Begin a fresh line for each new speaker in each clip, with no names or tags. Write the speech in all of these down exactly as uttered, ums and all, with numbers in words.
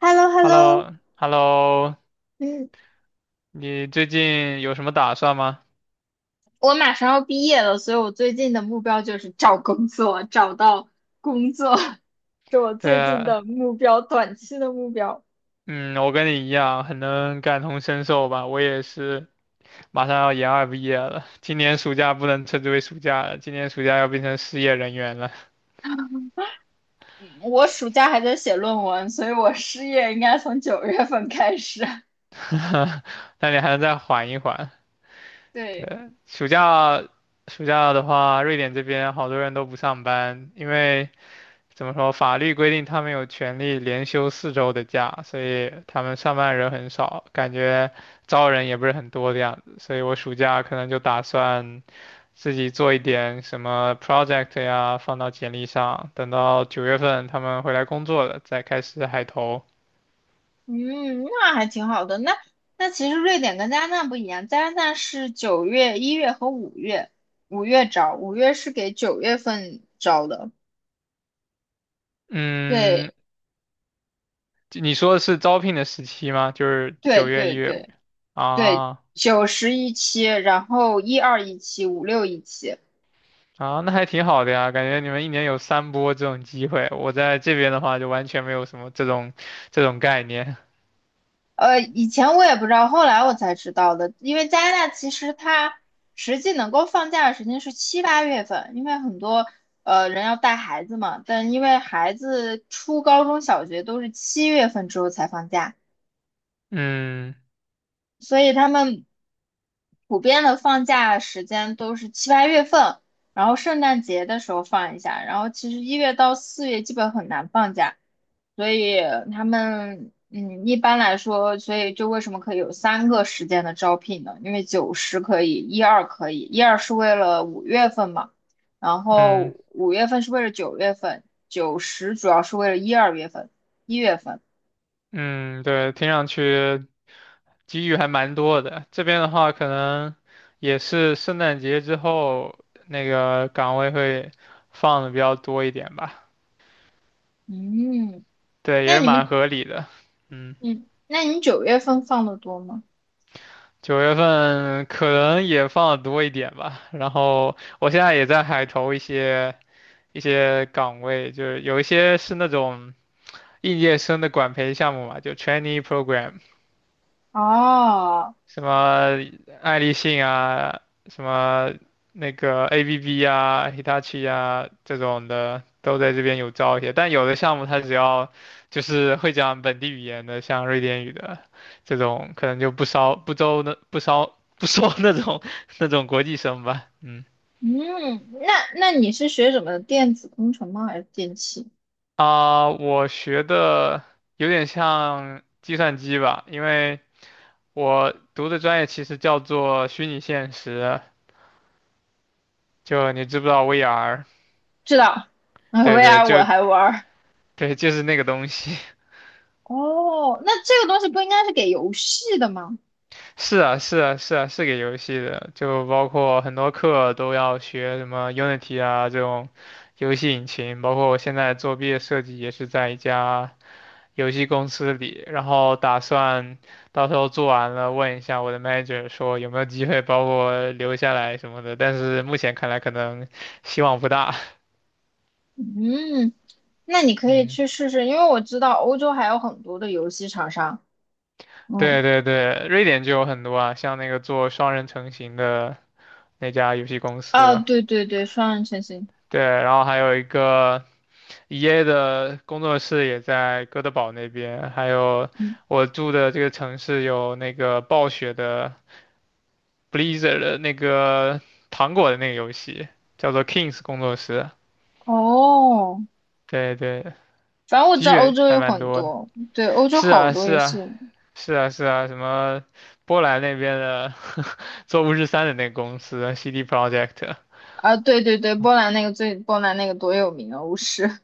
h e l l o h e
h
l
e l
l
l o
o
h e l l o
嗯，
你最近有什么打算吗？
我马上要毕业了，所以我最近的目标就是找工作，找到工作，是我最近
对，
的目标，短期的目标。
嗯，我跟你一样，很能感同身受吧。我也是马上要研二毕业了，今年暑假不能称之为暑假了，今年暑假要变成失业人员了。
嗯，我暑假还在写论文，所以我失业应该从九月份开始。
那你还能再缓一缓。
对，
对，暑假，暑假的话，瑞典这边好多人都不上班，因为怎么说？法律规定他们有权利连休四周的假，所以他们上班人很少，感觉招人也不是很多的样子。所以我暑假可能就打算自己做一点什么 project 呀，放到简历上，等到九月份他们回来工作了，再开始海投。
嗯，那还挺好的。那那其实瑞典跟加拿大不一样，加拿大是九月、一月和五月，五月招，五月是给九月份招的。对
嗯，你说的是招聘的时期吗？就是
对
九月、一
对
月、五
对，
月
对，
啊。
九十一期，然后一二一期，五六一期。
啊，那还挺好的呀，感觉你们一年有三波这种机会，我在这边的话就完全没有什么这种这种概念。
呃，以前我也不知道，后来我才知道的。因为加拿大其实它实际能够放假的时间是七八月份，因为很多呃人要带孩子嘛，但因为孩子初高中小学都是七月份之后才放假，
嗯
所以他们普遍的放假时间都是七八月份，然后圣诞节的时候放一下，然后其实一月到四月基本很难放假，所以他们嗯一般来说，所以就为什么可以有三个时间的招聘呢？因为九十可以，一二可以，一二是为了五月份嘛，然
嗯
后五月份是为了九月份，九十主要是为了一二月份，一月份，
嗯，对，听上去机遇还蛮多的。这边的话，可能也是圣诞节之后那个岗位会放的比较多一点吧。
嗯。
对，也
那
是
你们
蛮合理的。嗯，
嗯，那你九月份放的多吗？
九月份可能也放的多一点吧。然后我现在也在海投一些。一些岗位，就是有一些是那种应届生的管培项目嘛，就 trainee program，
哦，
什么爱立信啊，什么那个 A B B 啊、Hitachi 啊这种的，都在这边有招一些。但有的项目它只要就是会讲本地语言的，像瑞典语的这种，可能就不招不招那不招不收那种 那种国际生吧。嗯
嗯，那那你是学什么的？电子工程吗？还是电器？
啊，我学的有点像计算机吧，因为。我读的专业其实叫做虚拟现实，就你知不知道 V R？
知道，那
对对，
V R 我
就
还玩儿。
对，就是那个东西。
哦，那这个东西不应该是给游戏的吗？
是啊，是啊，是啊，是给游戏的，就包括很多课都要学什么 Unity 啊这种游戏引擎，包括我现在做毕业设计也是在一家游戏公司里，然后打算到时候做完了问一下我的 manager 说有没有机会把我留下来什么的，但是目前看来可能希望不大，
嗯，那你 可以
嗯。
去试试，因为我知道欧洲还有很多的游戏厂商。
对
嗯，
对对，瑞典就有很多啊，像那个做双人成型的那家游戏公
啊，
司，
对对对，双人成行。
对，然后还有一个 E A 的工作室也在哥德堡那边，还有
嗯，
我住的这个城市有那个暴雪的 Blizzard 的那个糖果的那个游戏，叫做 Kings 工作室，
哦，
对对，
反正我知
机
道欧
遇
洲
还
有
蛮
很
多的，
多，对，欧洲
是
好
啊
多
是
游戏。
啊是啊是啊，什么波兰那边的 做巫师三的那个公司 CD p r o j e c t
啊，对对对，波兰那个最波兰那个多有名啊，巫师。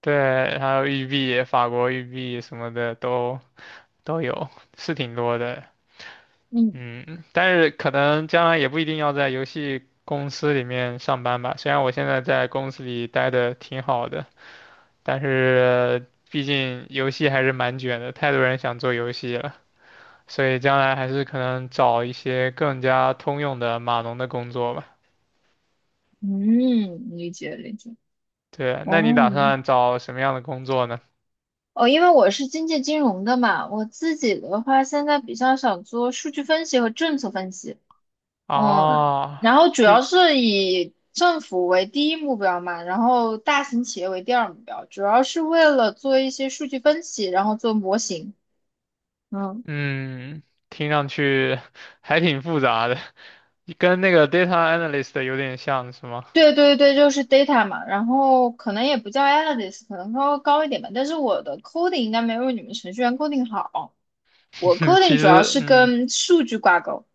对，还有玉璧、法国玉璧什么的都都有，是挺多的。
嗯
嗯，但是可能将来也不一定要在游戏公司里面上班吧。虽然我现在在公司里待的挺好的，但是毕竟游戏还是蛮卷的，太多人想做游戏了，所以将来还是可能找一些更加通用的码农的工作吧。
嗯，理解理解。
对，那你
哦
打算找什么样的工作呢？
哦，因为我是经济金融的嘛，我自己的话现在比较想做数据分析和政策分析。嗯，
哦，
然后主要
是
是以政府为第一目标嘛，然后大型企业为第二目标，主要是为了做一些数据分析，然后做模型。嗯。
嗯，听上去 还挺复杂的，跟那个 data analyst 有点像，是吗？
对对对，就是 data 嘛，然后可能也不叫 analyst，可能稍微高一点吧。但是我的 coding 应该没有你们程序员 coding 好，我 coding
其
主要
实，
是
嗯，
跟数据挂钩。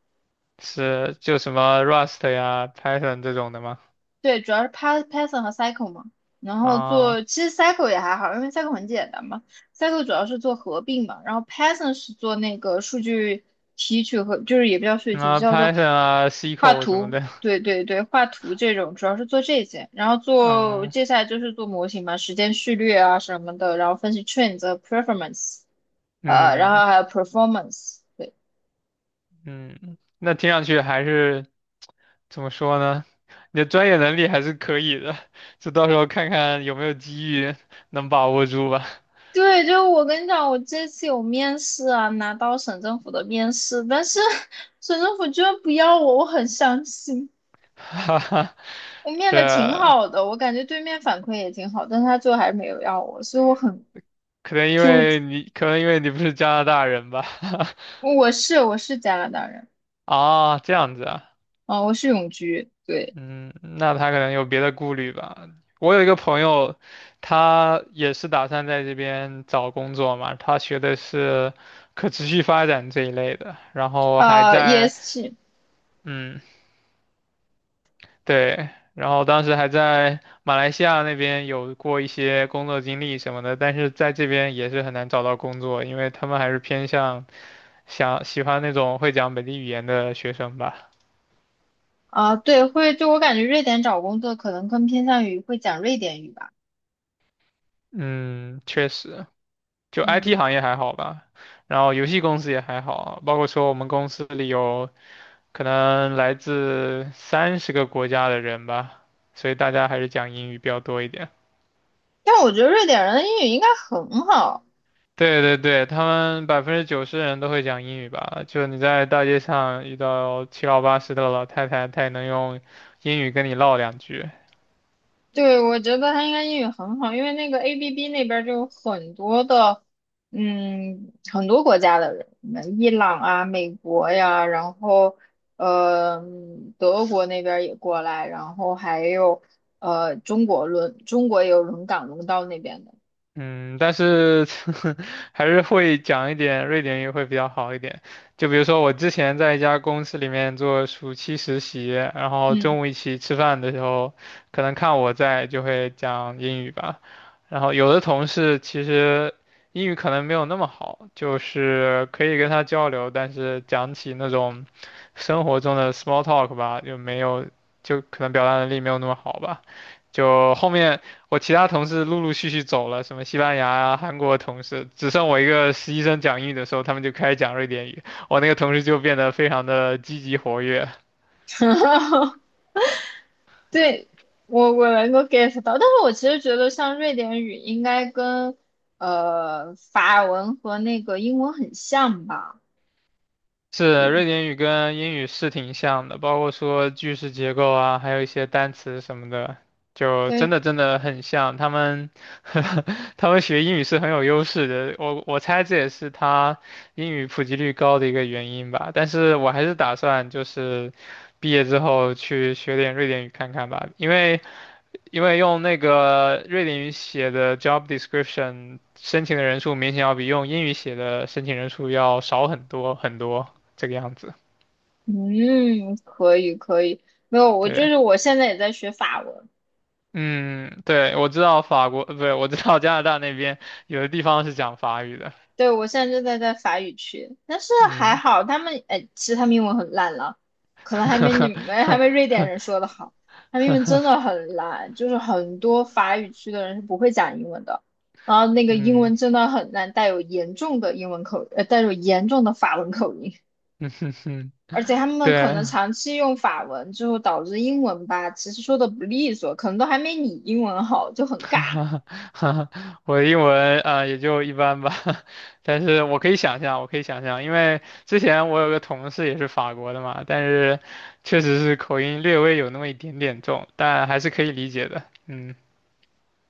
是就什么 Rust 呀、Python 这种的吗？
对，主要是 Py- Python 和 Cycle 嘛，然后
啊，
做其实 Cycle 也还好，因为 Cycle 很简单嘛。Cycle 主要是做合并嘛，然后 Python 是做那个数据提取和就是也不叫数据提取，
啊
叫做
，Python 啊
画
，S Q L 什么
图。
的，
对对对，画图这种主要是做这些，然后做
嗯
接下来就是做模型嘛，时间序列啊什么的，然后分析 trends、performance，呃，然
嗯
后还有 performance。对。
嗯，那听上去还是怎么说呢？你的专业能力还是可以的，就到时候看看有没有机遇能把握住吧。
对，就我跟你讲，我这次有面试啊，拿到省政府的面试，但是 省政府居然不要我，我很伤心。
哈哈，
我面
对
的挺
啊。
好的，我感觉对面反馈也挺好，但是他最后还是没有要我，所以我很
可能因
纠
为
结。
你，可能因为你不是加拿大人吧？
我是我是加拿大人，
啊，这样子啊，
啊、我是永居，对，
嗯，那他可能有别的顾虑吧。我有一个朋友，他也是打算在这边找工作嘛，他学的是可持续发展这一类的，然后还
呃，
在，
S 是，
嗯，对，然后当时还在马来西亚那边有过一些工作经历什么的，但是在这边也是很难找到工作，因为他们还是偏向。想喜欢那种会讲本地语言的学生吧。
啊、对，会，就我感觉瑞典找工作可能更偏向于会讲瑞典语吧，
嗯，确实，就 I T
嗯，
行业还好吧，然后游戏公司也还好，包括说我们公司里有可能来自三十个国家的人吧，所以大家还是讲英语比较多一点。
但我觉得瑞典人的英语应该很好。
对对对，他们百分之九十的人都会讲英语吧？就你在大街上遇到七老八十的老太太，她也能用英语跟你唠两句。
对，我觉得他应该英语很好，因为那个 A B B 那边儿就有很多的，嗯，很多国家的人，嗯伊朗啊、美国呀，然后呃，德国那边儿也过来，然后还有呃，中国轮，中国也有轮岗轮到那边的，
嗯，但是 还是会讲一点瑞典语会比较好一点。就比如说我之前在一家公司里面做暑期实习，然后
嗯，
中午一起吃饭的时候，可能看我在就会讲英语吧。然后有的同事其实英语可能没有那么好，就是可以跟他交流，但是讲起那种生活中的 small talk 吧，就没有，就可能表达能力没有那么好吧。就后面我其他同事陆陆续续走了，什么西班牙啊、韩国的同事，只剩我一个实习生讲英语的时候，他们就开始讲瑞典语，我那个同事就变得非常的积极活跃。
对，我我能够 get 到，但是我其实觉得像瑞典语应该跟呃法文和那个英文很像吧，
是瑞典语跟英语是挺像的，包括说句式结构啊，还有一些单词什么的，就真
对。
的真的很像。他们 他们学英语是很有优势的，我我猜这也是他英语普及率高的一个原因吧。但是我还是打算就是毕业之后去学点瑞典语看看吧，因为因为用那个瑞典语写的 job description 申请的人数明显要比用英语写的申请人数要少很多很多，这个样子。
嗯，可以可以，没有，我就
对，
是我现在也在学法文，
嗯，对，我知道法国，呃不对，我知道加拿大那边有的地方是讲法语的。
对，我现在正在在法语区，但是还
嗯，
好他们，哎，其实他们英文很烂了，可能还没你们还没瑞 典人说的好，他们英文真的很烂，就是很多法语区的人是不会讲英文的，然后那个英
嗯，
文真的很烂，带有严重的英文口，呃，带有严重的法文口音，而且他 们可
对，
能长期用法文之后导致英文吧，其实说的不利索，可能都还没你英文好，就很 尬。
哈哈，我的英文啊、呃也就一般吧，但是我可以想象，我可以想象，因为之前我有个同事也是法国的嘛，但是确实是口音略微有那么一点点重，但还是可以理解的。嗯，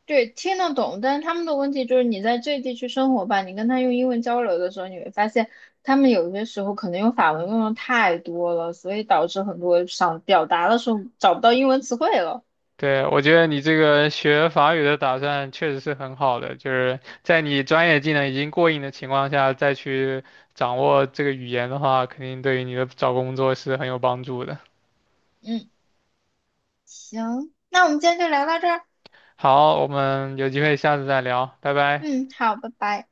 对，听得懂，但是他们的问题就是你在这地区生活吧，你跟他用英文交流的时候，你会发现他们有些时候可能用法文用的太多了，所以导致很多想表达的时候找不到英文词汇了。
对，我觉得你这个学法语的打算确实是很好的，就是在你专业技能已经过硬的情况下，再去掌握这个语言的话，肯定对于你的找工作是很有帮助的。
嗯，行，那我们今天就聊到这儿。
好，我们有机会下次再聊，拜拜。
嗯，好，拜拜。